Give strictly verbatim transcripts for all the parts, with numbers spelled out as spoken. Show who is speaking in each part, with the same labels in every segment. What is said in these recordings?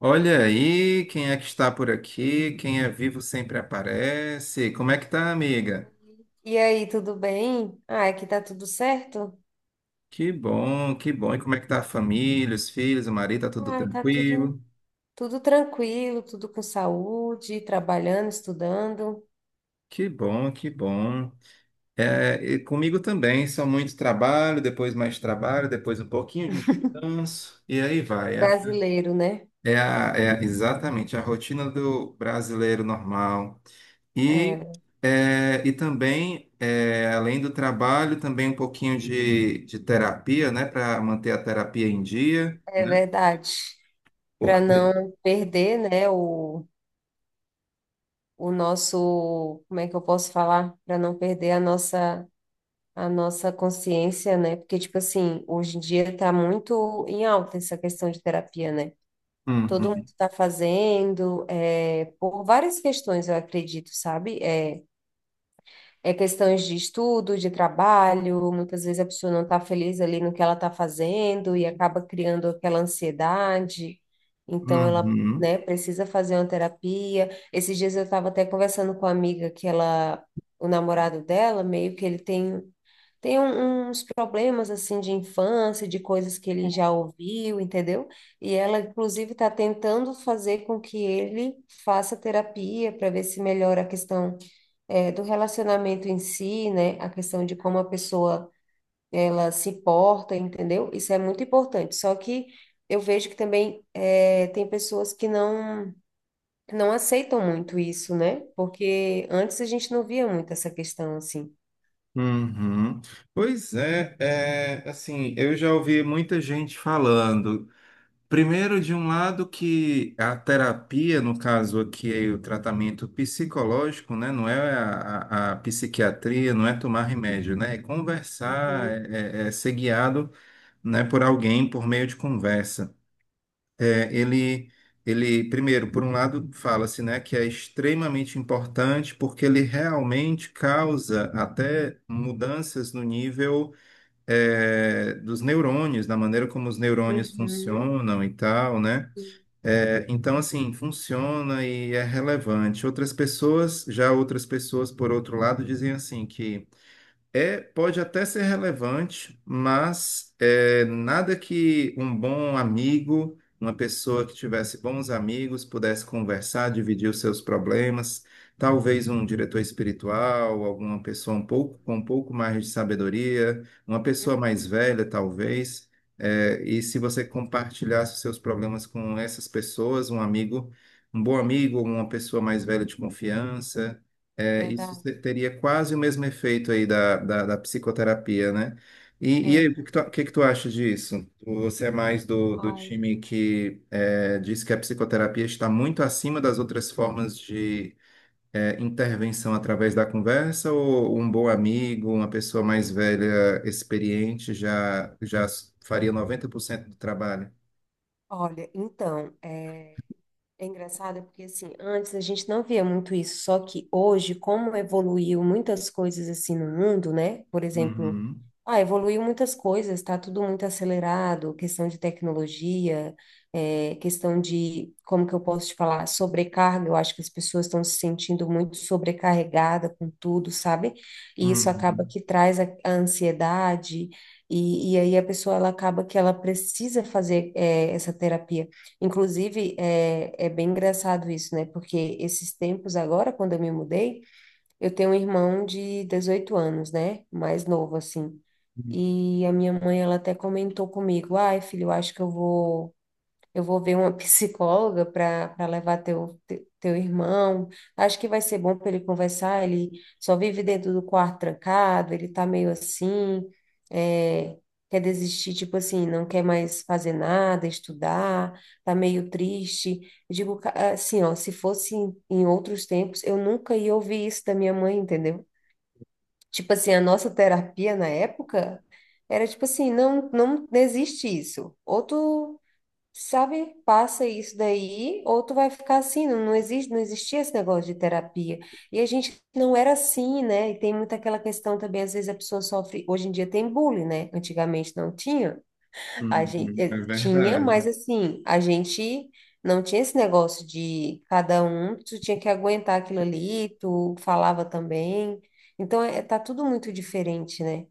Speaker 1: Olha aí, quem é que está por aqui? Quem é vivo sempre aparece. Como é que tá, amiga?
Speaker 2: E aí, tudo bem? Ah, aqui tá tudo certo?
Speaker 1: Que bom, que bom. E como é que tá a família, os filhos, o marido, tá tudo
Speaker 2: Ai, tá tudo,
Speaker 1: tranquilo?
Speaker 2: tudo tranquilo, tudo com saúde, trabalhando, estudando.
Speaker 1: Que bom, que bom. É, e comigo também, só muito trabalho, depois mais trabalho, depois um pouquinho de descanso, e aí vai. É,
Speaker 2: Brasileiro, né?
Speaker 1: é, a- é exatamente a rotina do brasileiro normal. E,
Speaker 2: É,
Speaker 1: é, e também, é, além do trabalho, também um pouquinho de, de terapia, né? Para manter a terapia em dia,
Speaker 2: é
Speaker 1: né?
Speaker 2: verdade. Para
Speaker 1: Porque...
Speaker 2: não perder, né, o, o nosso, como é que eu posso falar? Para não perder a nossa a nossa consciência, né? Porque, tipo assim, hoje em dia tá muito em alta essa questão de terapia, né? Todo mundo
Speaker 1: Uhum,
Speaker 2: está fazendo, é, por várias questões, eu acredito, sabe? É, é questões de estudo, de trabalho, muitas vezes a pessoa não está feliz ali no que ela está fazendo e acaba criando aquela ansiedade, então ela,
Speaker 1: uhum,
Speaker 2: né, precisa fazer uma terapia. Esses dias eu estava até conversando com uma amiga que ela, o namorado dela, meio que ele tem. Tem um- uns problemas assim de infância, de coisas que ele já ouviu, entendeu? E ela, inclusive, está tentando fazer com que ele faça terapia para ver se melhora a questão eh, do relacionamento em si, né? A questão de como a pessoa ela se porta, entendeu? Isso é muito importante. Só que eu vejo que também eh, tem pessoas que não não aceitam muito isso, né? Porque antes a gente não via muito essa questão assim.
Speaker 1: uhum. Pois é, é, assim, eu já ouvi muita gente falando. Primeiro, de um lado, que a terapia, no caso aqui, é o tratamento psicológico, né? Não é a, a, a psiquiatria, não é tomar remédio, né? É conversar,
Speaker 2: Uhum.
Speaker 1: é é- é ser guiado, né, por alguém por meio de conversa. É, ele, ele, primeiro, por um lado, fala-se, né, que é extremamente importante porque ele realmente causa até mudanças no nível, é, dos neurônios, da maneira como os neurônios
Speaker 2: Uhum.
Speaker 1: funcionam e tal, né? É, então, assim, funciona e é relevante. Outras pessoas, já outras pessoas, por outro lado, dizem assim que é, pode até ser relevante, mas é nada que um bom amigo, uma pessoa que tivesse bons amigos, pudesse conversar, dividir os seus problemas. Talvez um diretor espiritual, alguma pessoa um pouco, com um pouco mais de sabedoria, uma pessoa mais velha, talvez. É, e se você compartilhasse os seus problemas com essas pessoas, um amigo, um bom amigo, uma pessoa mais velha de confiança, é, isso
Speaker 2: Verdade.
Speaker 1: se- teria quase o mesmo efeito aí da, da, da psicoterapia, né? E, e
Speaker 2: É,
Speaker 1: aí, o que
Speaker 2: bom,
Speaker 1: que tu, o que que tu acha disso? Você é mais do, do
Speaker 2: ai.
Speaker 1: time que é, diz que a psicoterapia está muito acima das outras formas de é, intervenção através da conversa, ou um bom amigo, uma pessoa mais velha, experiente, já, já faria noventa por cento do trabalho?
Speaker 2: Olha, então, é. É engraçado porque assim, antes a gente não via muito isso, só que hoje, como evoluiu muitas coisas assim no mundo, né? Por exemplo,
Speaker 1: Uhum,
Speaker 2: ah, evoluiu muitas coisas, tá tudo muito acelerado, questão de tecnologia, é, questão de, como que eu posso te falar, sobrecarga, eu acho que as pessoas estão se sentindo muito sobrecarregada com tudo, sabe? E isso acaba
Speaker 1: uhum,
Speaker 2: que traz a, a ansiedade, e, e aí a pessoa ela acaba que ela precisa fazer, é, essa terapia. Inclusive, é, é bem engraçado isso, né? Porque esses tempos agora, quando eu me mudei, eu tenho um irmão de dezoito anos, né? Mais novo, assim. E a minha mãe, ela até comentou comigo, ai, filho, eu acho que eu vou eu vou ver uma psicóloga para para levar teu, te- teu irmão. Acho que vai ser bom para ele conversar. Ele só vive dentro do quarto trancado, ele tá meio assim, é, quer desistir, tipo assim, não quer mais fazer nada, estudar, tá meio triste. Eu digo, ca- assim, ó, se fosse em, em outros tempos, eu nunca ia ouvir isso da minha mãe, entendeu? Tipo assim, a nossa terapia na época era tipo assim, não, não existe isso. Outro. Sabe, passa isso daí, ou tu vai ficar assim, não, não existe, não existia esse negócio de terapia. E a gente não era assim, né? E tem muita aquela questão também, às vezes a pessoa sofre, hoje em dia tem bullying, né? Antigamente não tinha. A gente
Speaker 1: uhum, é
Speaker 2: eh, tinha, mas
Speaker 1: verdade.
Speaker 2: assim, a gente não tinha esse negócio de cada um, tu tinha que aguentar aquilo ali, tu falava também. Então, é, tá tudo muito diferente, né?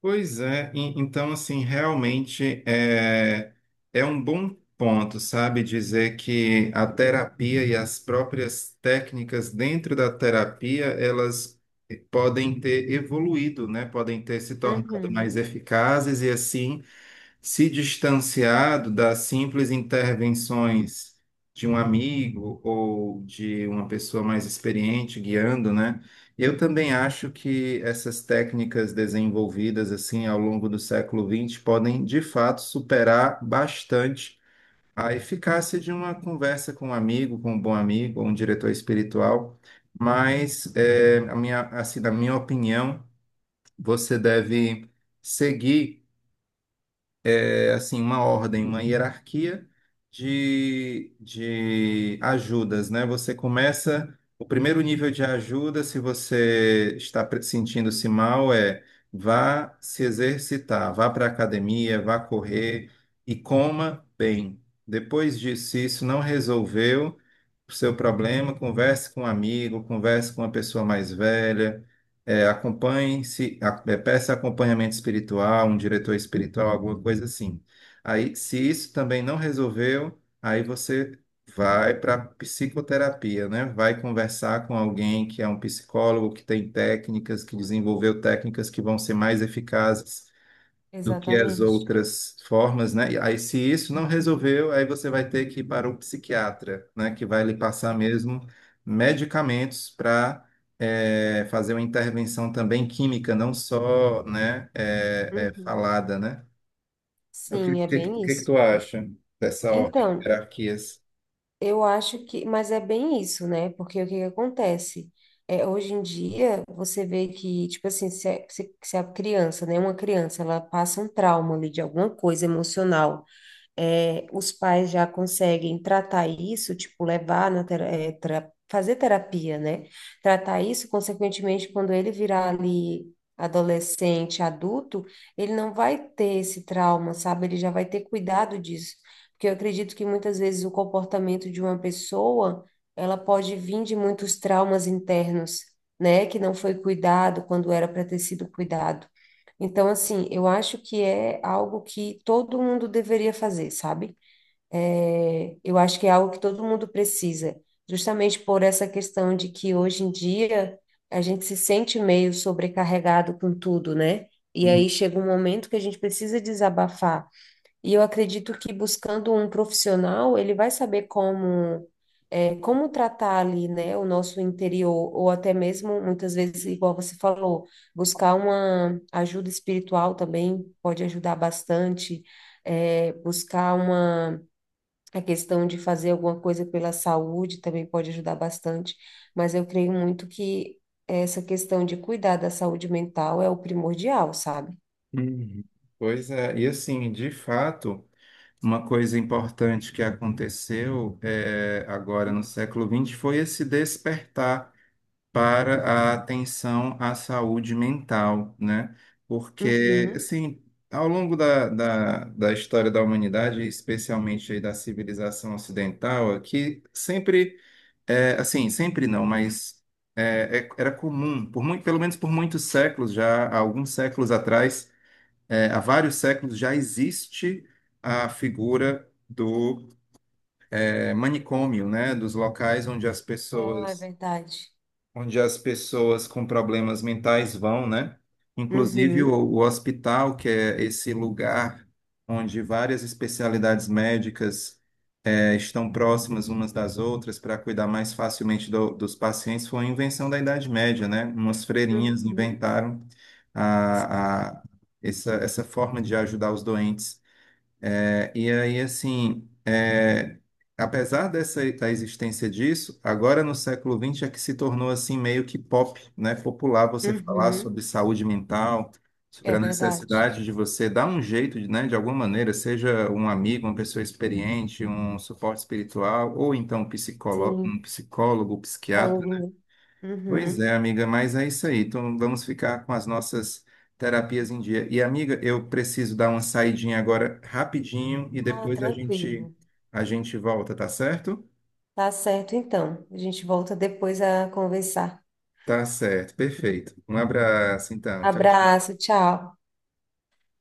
Speaker 1: Pois é, e- então assim, realmente é, é um bom ponto, sabe, dizer que a terapia e as próprias técnicas dentro da terapia, elas podem ter evoluído, né? Podem ter se tornado mais
Speaker 2: Uhum,
Speaker 1: eficazes e assim se distanciado das simples intervenções de um amigo ou de uma pessoa mais experiente guiando, né? Eu também acho que essas técnicas desenvolvidas assim ao longo do século vinte podem de fato superar bastante a eficácia de uma conversa com um amigo, com um bom amigo, ou um diretor espiritual. Mas, eh, a minha, assim, na minha opinião, você deve seguir é, assim, uma ordem, uma hierarquia de, de ajudas, né? Você começa, o primeiro nível de ajuda, se você está pre- sentindo-se mal, é, vá se exercitar, vá para a academia, vá correr e coma bem. Depois disso, se isso não resolveu o seu problema, converse com um amigo, converse com uma pessoa mais velha, é, acompanhe-se, a- é, peça acompanhamento espiritual, um diretor espiritual, alguma coisa assim. Aí, se isso também não resolveu, aí você vai para psicoterapia, né? Vai conversar com alguém que é um psicólogo, que tem técnicas, que desenvolveu técnicas que vão ser mais eficazes do que as
Speaker 2: exatamente.
Speaker 1: outras formas, né? E aí, se isso não
Speaker 2: Uhum,
Speaker 1: resolveu, aí você vai ter que ir para o psiquiatra, né? Que vai lhe passar
Speaker 2: é.
Speaker 1: mesmo medicamentos para fazer uma intervenção também química, não só, né? eh, eh,
Speaker 2: Uhum.
Speaker 1: falada, né? O que,
Speaker 2: Sim, é
Speaker 1: que,
Speaker 2: bem
Speaker 1: que que
Speaker 2: isso.
Speaker 1: tu acha dessa ordem de
Speaker 2: Então,
Speaker 1: hierarquias?
Speaker 2: eu acho que, mas é bem isso, né? Porque o que que acontece? É, hoje em dia, você vê que, tipo assim, se, a- se, se a criança, né, uma criança, ela passa um trauma ali de alguma coisa emocional, é, os pais já conseguem tratar isso, tipo, levar na tera- é, tera- fazer terapia, né? Tratar isso, consequentemente, quando ele virar ali adolescente, adulto, ele não vai ter esse trauma, sabe? Ele já vai ter cuidado disso. Porque eu acredito que muitas vezes o comportamento de uma pessoa, ela pode vir de muitos traumas internos, né? Que não foi cuidado quando era para ter sido cuidado. Então, assim, eu acho que é algo que todo mundo deveria fazer, sabe? É, eu acho que é algo que todo mundo precisa, justamente por essa questão de que hoje em dia a gente se sente meio sobrecarregado com tudo, né? E aí chega um momento que a gente precisa desabafar. E eu acredito que buscando um profissional, ele vai saber como, é, como tratar ali, né, o nosso interior, ou até mesmo, muitas vezes, igual você falou, buscar uma ajuda espiritual também pode ajudar bastante, é, buscar uma, a questão de fazer alguma coisa pela saúde também pode ajudar bastante, mas eu creio muito que essa questão de cuidar da saúde mental é o primordial, sabe?
Speaker 1: Uhum. Pois é, e assim, de fato, uma coisa importante que aconteceu é, agora no século vinte foi esse despertar para a atenção à saúde mental, né? Porque,
Speaker 2: Uhum.
Speaker 1: assim, ao longo da, da, da história da humanidade, especialmente aí da civilização ocidental, aqui sempre... É, assim, sempre não, mas é, é- era comum, por muito, pelo menos por muitos séculos já, há alguns séculos atrás, é, há vários séculos já existe a figura do é, manicômio, né, dos locais onde as
Speaker 2: Ah, é
Speaker 1: pessoas,
Speaker 2: verdade.
Speaker 1: onde as pessoas com problemas mentais vão, né? Inclusive o,
Speaker 2: Uhum,
Speaker 1: o hospital, que é esse lugar onde várias especialidades médicas eh, estão próximas umas das outras para cuidar mais facilmente do- dos pacientes, foi uma invenção da Idade Média, né? Umas freirinhas
Speaker 2: uhum,
Speaker 1: inventaram a, a- essa, essa forma de ajudar os doentes. É, e aí, assim, é, apesar dessa, da existência disso, agora no século vinte é que se tornou assim meio que pop, né? Popular você falar
Speaker 2: uhum.
Speaker 1: sobre saúde mental,
Speaker 2: É
Speaker 1: sobre a
Speaker 2: verdade.
Speaker 1: necessidade de você dar um jeito, né? De alguma maneira, seja um amigo, uma pessoa experiente, um suporte espiritual, ou então um psicólogo,
Speaker 2: Sim,
Speaker 1: um psicólogo.
Speaker 2: psicólogo. Né?
Speaker 1: Pois
Speaker 2: Uhum.
Speaker 1: é, amiga, mas é isso aí. Então vamos ficar com as nossas terapias em dia. E amiga, eu preciso dar uma saidinha agora rapidinho e
Speaker 2: Ah,
Speaker 1: depois a gente
Speaker 2: tranquilo.
Speaker 1: a gente volta, tá certo?
Speaker 2: Tá certo, então. A gente volta depois a conversar.
Speaker 1: Tá certo, perfeito. Um abraço, então. Tchau.
Speaker 2: Abraço, tchau.